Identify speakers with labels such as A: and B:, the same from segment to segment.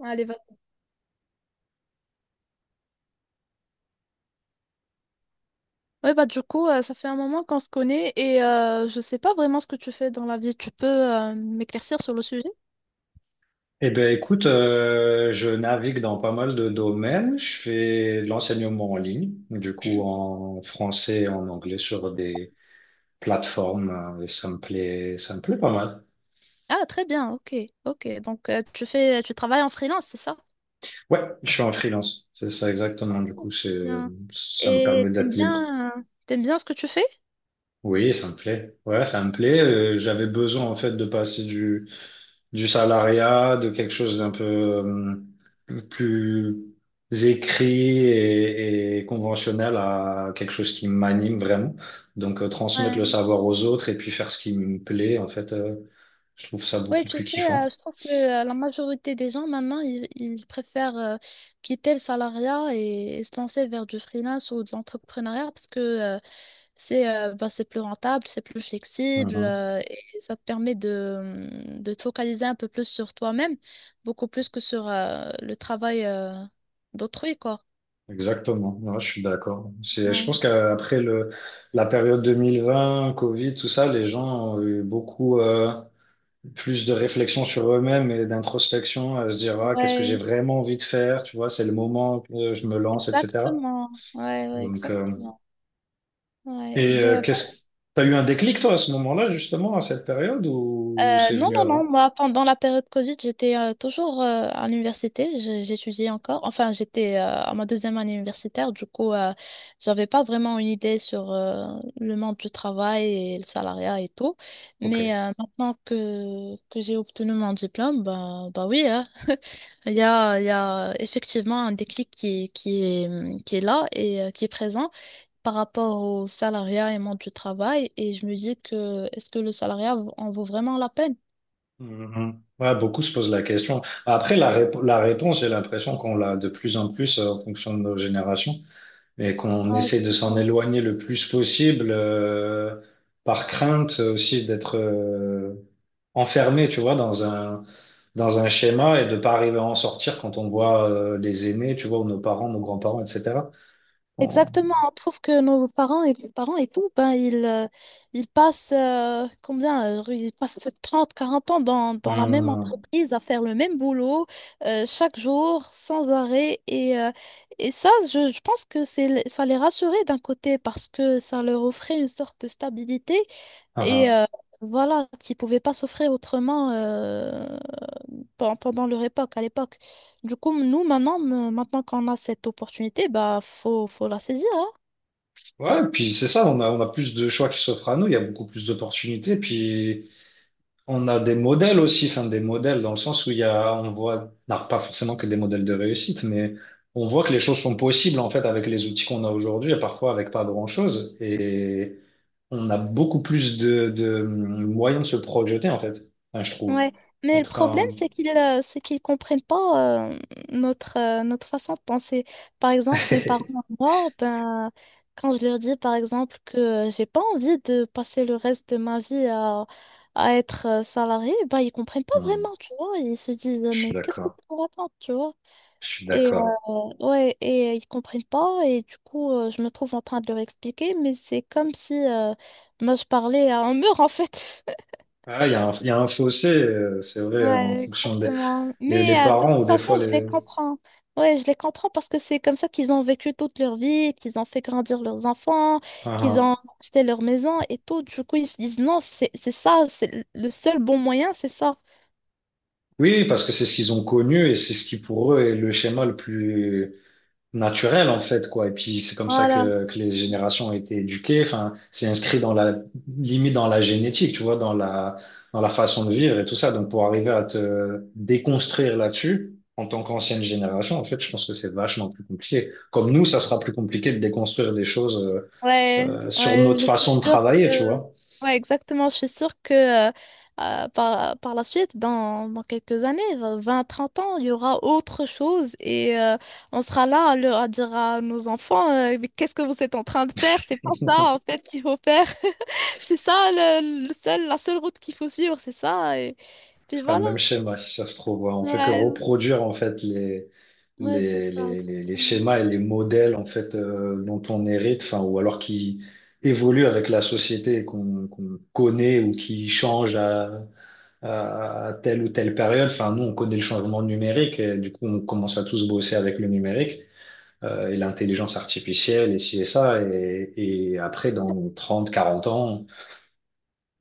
A: Allez, va. Ouais, bah du coup, ça fait un moment qu'on se connaît et je sais pas vraiment ce que tu fais dans la vie. Tu peux m'éclaircir sur le sujet?
B: Eh bien, écoute, je navigue dans pas mal de domaines. Je fais de l'enseignement en ligne, du coup en français et en anglais sur des plateformes, hein, et ça me plaît pas mal.
A: Ah, très bien, ok, ok. Donc tu travailles en freelance, c'est ça?
B: Ouais, je suis en freelance, c'est ça exactement. Du coup,
A: Bien.
B: ça me
A: Et
B: permet
A: t'aimes
B: d'être libre.
A: bien, ce que tu fais?
B: Oui, ça me plaît. Ouais, ça me plaît. J'avais besoin en fait de passer du salariat, de quelque chose d'un peu plus écrit et conventionnel à quelque chose qui m'anime vraiment. Donc transmettre le
A: Ouais.
B: savoir aux autres et puis faire ce qui me plaît, en fait, je trouve ça
A: Oui,
B: beaucoup
A: tu
B: plus
A: sais,
B: kiffant.
A: je trouve que la majorité des gens maintenant, ils préfèrent quitter le salariat et se lancer vers du freelance ou de l'entrepreneuriat parce que c'est bah, c'est plus rentable, c'est plus flexible,
B: Mhm.
A: et ça te permet de te focaliser un peu plus sur toi-même, beaucoup plus que sur le travail d'autrui, quoi.
B: Exactement, ouais, je suis d'accord. Je
A: Ouais.
B: pense qu'après la période 2020 Covid, tout ça, les gens ont eu beaucoup plus de réflexion sur eux-mêmes et d'introspection, à se dire, ah, qu'est-ce que j'ai
A: Ouais,
B: vraiment envie de faire, tu vois, c'est le moment que je me lance, etc.
A: exactement. Ouais, ouais,
B: Donc,
A: exactement. Ouais.
B: et euh, qu'est-ce, t'as eu un déclic, toi, à ce moment-là, justement, à cette période, ou c'est
A: Non,
B: venu
A: non, non,
B: avant?
A: moi, pendant la période Covid, j'étais toujours à l'université, j'étudiais encore. Enfin, j'étais à ma deuxième année universitaire, du coup. J'avais pas vraiment une idée sur le monde du travail et le salariat et tout.
B: Ok.
A: Mais maintenant que j'ai obtenu mon diplôme, bah oui, hein, il y a effectivement un déclic qui est là et qui est présent par rapport au salariat et monde du travail. Et je me dis que est-ce que le salariat en vaut vraiment la peine?
B: Mhm. Ouais, beaucoup se posent la question. Après, la réponse, j'ai l'impression qu'on l'a de plus en plus en fonction de nos générations, mais qu'on
A: Ouais,
B: essaie de
A: c'est
B: s'en
A: vrai.
B: éloigner le plus possible par crainte aussi d'être enfermé, tu vois, dans un schéma et de pas arriver à en sortir quand on voit les aînés, tu vois, ou nos parents, nos grands-parents, etc. On- on-
A: Exactement, on trouve que nos parents et les parents et tout, ben, ils passent combien? Ils passent 30 40 ans dans la même
B: Hum,
A: entreprise à faire le même boulot, chaque jour, sans arrêt. Et ça, je pense que c'est, ça les rassurait d'un côté parce que ça leur offrait une sorte de stabilité
B: ah,
A: et
B: ah.
A: euh, voilà, qu'ils ne pouvaient pas s'offrir autrement, pendant leur époque, à l'époque. Du coup, nous, maintenant qu'on a cette opportunité, bah, faut la saisir, hein.
B: Ouais, et puis c'est ça, on a plus de choix qui s'offrent à nous, il y a beaucoup plus d'opportunités, puis on a des modèles aussi, enfin des modèles dans le sens où il y a, on voit, non, pas forcément que des modèles de réussite, mais on voit que les choses sont possibles en fait avec les outils qu'on a aujourd'hui et parfois avec pas grand-chose. Et on a beaucoup plus de moyens de se projeter en fait. Enfin, je trouve.
A: Ouais. Mais
B: En
A: le
B: tout cas,
A: problème, c'est qu'ils comprennent pas, notre, notre façon de penser. Par exemple, mes parents, moi, ben, quand je leur dis, par exemple, que j'ai pas envie de passer le reste de ma vie à être salarié, bah, ils comprennent pas
B: hmm,
A: vraiment, tu vois. Ils se disent,
B: je suis
A: mais qu'est-ce que
B: d'accord,
A: tu racontes, tu vois?
B: je suis
A: Et
B: d'accord.
A: ouais, et ils comprennent pas, et du coup, je me trouve en train de leur expliquer, mais c'est comme si moi je parlais à un mur en fait.
B: Ah, il y a un fossé, c'est vrai, en
A: Ouais,
B: fonction des
A: exactement.
B: les
A: Mais de
B: parents ou
A: toute
B: des
A: façon,
B: fois
A: je les
B: les.
A: comprends. Ouais, je les comprends parce que c'est comme ça qu'ils ont vécu toute leur vie, qu'ils ont fait grandir leurs enfants,
B: Ah,
A: qu'ils
B: ah.
A: ont acheté leur maison et tout. Du coup, ils se disent non, c'est ça, c'est le seul bon moyen, c'est ça.
B: Oui, parce que c'est ce qu'ils ont connu et c'est ce qui pour eux est le schéma le plus naturel en fait, quoi. Et puis c'est comme ça
A: Voilà.
B: que les générations ont été éduquées, enfin c'est inscrit dans la limite dans la génétique, tu vois, dans la façon de vivre et tout ça. Donc pour arriver à te déconstruire là-dessus en tant qu'ancienne génération, en fait je pense que c'est vachement plus compliqué. Comme nous, ça sera plus compliqué de déconstruire des choses,
A: Ouais,
B: sur
A: ouais,
B: notre
A: je suis
B: façon de
A: sûre que...
B: travailler, tu vois.
A: Ouais, exactement, je suis sûre que euh, par la suite, dans quelques années, 20, 30 ans, il y aura autre chose et on sera là à, à dire à nos enfants, mais qu'est-ce que vous êtes en train de faire? C'est pas ça, en fait, qu'il faut faire. C'est ça, le seul, la seule route qu'il faut suivre, c'est ça. Et puis
B: Ah, le
A: voilà.
B: même schéma, si ça se trouve. Ouais. On fait que
A: Ouais,
B: reproduire en fait les,
A: ouais, c'est
B: les,
A: ça,
B: les, les, les
A: exactement.
B: schémas et les modèles en fait, dont on hérite, enfin, ou alors qui évoluent avec la société et qu'on connaît, ou qui changent à telle ou telle période. Enfin, nous, on connaît le changement numérique, et du coup, on commence à tous bosser avec le numérique et l'intelligence artificielle et ci et ça. Et après, dans 30-40 ans,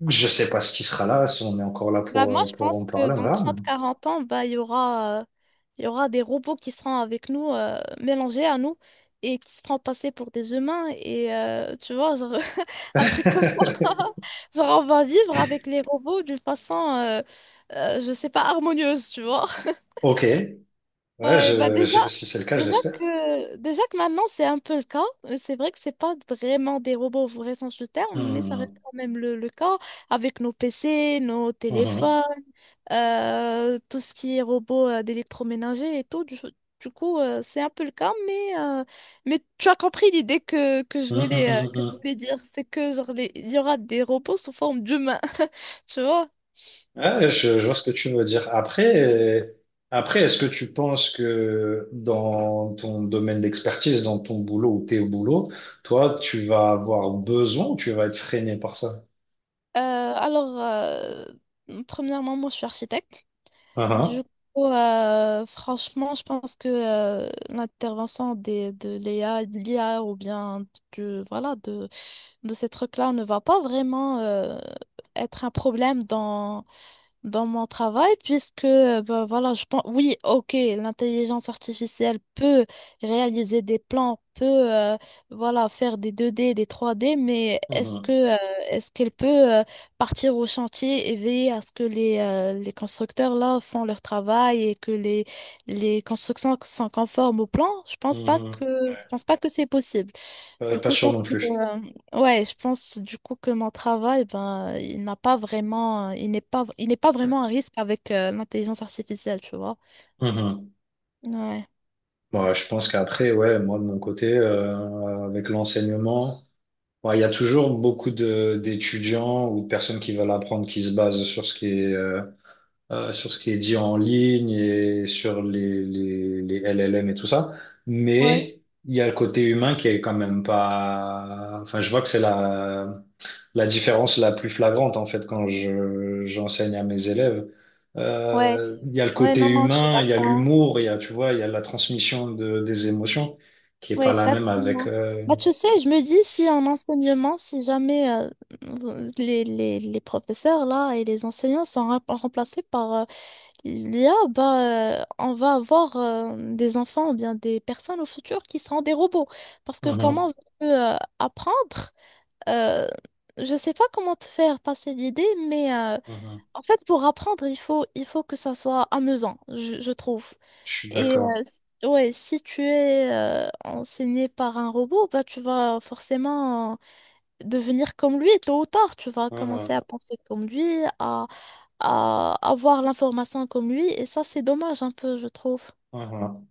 B: je sais pas ce qui sera là, si on est encore là
A: Bah, moi,
B: pour,
A: je
B: pour en
A: pense que
B: parler, on
A: dans
B: verra.
A: 30 40 ans, bah, il y aura des robots qui seront avec nous, mélangés à nous, et qui se feront passer pour des humains. Et tu vois, genre, un truc comme ça. Genre, on va vivre avec les robots d'une façon, je sais pas, harmonieuse, tu vois.
B: Ok, ouais,
A: Ouais, bah déjà,
B: si c'est le cas, je l'espère.
A: déjà que maintenant c'est un peu le cas. C'est vrai que c'est pas vraiment des robots au vrai sens du terme, mais ça reste
B: Mhm.
A: quand même le cas avec nos PC, nos
B: Mhm.
A: téléphones, tout ce qui est robot d'électroménager et tout. Du coup, c'est un peu le cas, mais tu as compris l'idée que je
B: Mhm,
A: voulais,
B: mhm, mhm.
A: dire. C'est que genre, il y aura des robots sous forme d'humains, tu vois?
B: Ouais, je vois ce que tu veux dire. Après,
A: Ouais.
B: euh, après, est-ce que tu penses que dans ton domaine d'expertise, dans ton boulot ou tes boulots, toi, tu vas avoir besoin ou tu vas être freiné par ça?
A: Alors, premièrement, moi, je suis architecte. Du
B: Mhm.
A: coup, franchement, je pense que l'intervention de l'IA, ou bien de voilà, de ces trucs-là ne va pas vraiment être un problème dans mon travail, puisque, ben voilà, je pense, oui, ok, l'intelligence artificielle peut réaliser des plans, euh, voilà, faire des 2D, des 3D, mais
B: Mhm.
A: est-ce qu'elle peut euh, partir au chantier et veiller à ce que les constructeurs, là, font leur travail et que les constructions sont conformes au plan?
B: Mhm.
A: Je
B: Ouais.
A: pense pas que c'est possible.
B: Pas,
A: Du
B: pas
A: coup, je
B: sûr non
A: pense que,
B: plus.
A: ouais, je pense du coup que mon travail, ben, il n'est pas vraiment un risque avec l'intelligence artificielle, tu vois.
B: Mhm.
A: Ouais,
B: Ouais, je pense qu'après, ouais, moi de mon côté, avec l'enseignement. Ouais, il y a toujours beaucoup de d'étudiants ou de personnes qui veulent apprendre, qui se basent sur ce qui est sur ce qui est dit en ligne et sur les LLM et tout ça.
A: ouais,
B: Mais il y a le côté humain qui est quand même pas. Enfin, je vois que c'est la différence la plus flagrante en fait quand je j'enseigne à mes élèves.
A: ouais,
B: Il y a le
A: ouais,
B: côté
A: non, non, je suis
B: humain, il y a
A: d'accord.
B: l'humour, il y a, tu vois, il y a la transmission de des émotions qui est
A: Ouais,
B: pas la même avec.
A: exactement. Bah, tu sais, je me dis si en enseignement, si jamais les professeurs là et les enseignants sont remplacés par il y a, on va avoir des enfants ou bien des personnes au futur qui seront des robots. Parce que comment
B: Mhm.
A: veux-tu apprendre? Euh, je sais pas comment te faire passer l'idée, mais
B: Mhm.
A: en fait, pour apprendre, il faut que ça soit amusant, je trouve.
B: Je suis
A: Et
B: d'accord.
A: ouais, si tu es enseigné par un robot, bah, tu vas forcément devenir comme lui tôt ou tard. Tu vas commencer
B: Mhm,
A: à penser comme lui, à avoir l'information comme lui. Et ça, c'est dommage un peu, je trouve.
B: mhm.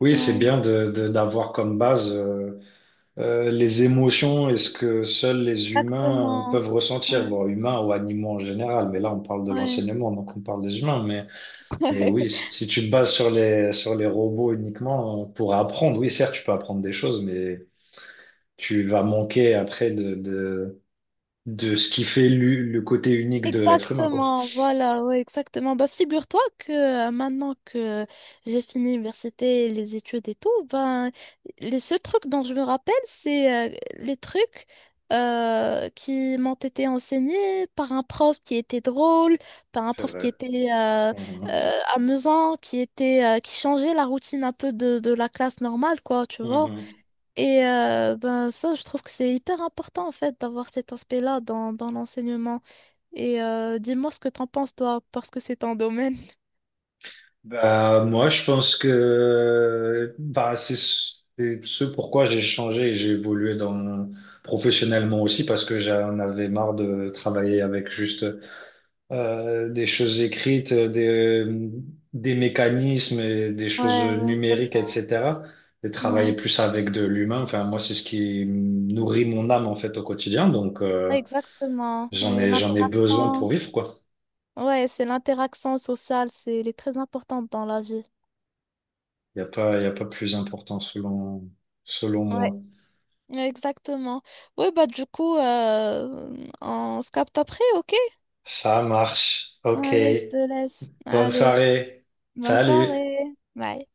B: Oui, c'est
A: Ouais,
B: bien d'avoir comme base les émotions et ce que seuls les humains
A: exactement.
B: peuvent ressentir.
A: Ouais,
B: Bon, humains ou animaux en général, mais là on parle de
A: ouais.
B: l'enseignement, donc on parle des humains. Mais oui, si tu te bases sur les robots uniquement pour apprendre, oui, certes, tu peux apprendre des choses, mais tu vas manquer après de ce qui fait le côté unique de l'être humain, quoi.
A: Exactement, voilà, ouais, exactement. Bah, figure-toi que maintenant que j'ai fini l'université, les études et tout, ben, les seuls trucs dont je me rappelle, c'est les trucs qui m'ont été enseignés par un prof qui était drôle, par un
B: C'est
A: prof
B: vrai.
A: qui était
B: Mhm,
A: euh, amusant, qui était qui changeait la routine un peu de la classe normale, quoi, tu vois.
B: mhm.
A: Et ben, ça, je trouve que c'est hyper important, en fait, d'avoir cet aspect-là dans l'enseignement. Et dis-moi ce que t'en penses, toi, parce que c'est ton domaine.
B: Bah, moi, je pense que bah, c'est ce pourquoi j'ai changé et j'ai évolué dans professionnellement aussi, parce que j'en avais marre de travailler avec juste des choses écrites, des mécanismes et des choses
A: Ouais, ouais, c'est
B: numériques,
A: ça.
B: etc. Et travailler
A: Ouais.
B: plus avec de l'humain. Enfin, moi, c'est ce qui nourrit mon âme en fait au quotidien. Donc,
A: Ouais, exactement.
B: j'en
A: Ouais,
B: ai, j'en ai besoin pour
A: l'interaction.
B: vivre, quoi.
A: Ouais, c'est l'interaction sociale, c'est, elle est très importante dans la vie.
B: Il y a pas plus important selon
A: Ouais.
B: moi.
A: Ouais, exactement. Oui, bah du coup, on se capte après, ok?
B: Ça marche. OK.
A: Allez, je te laisse.
B: Bonne
A: Allez,
B: soirée.
A: bonne
B: Salut.
A: soirée. Bye.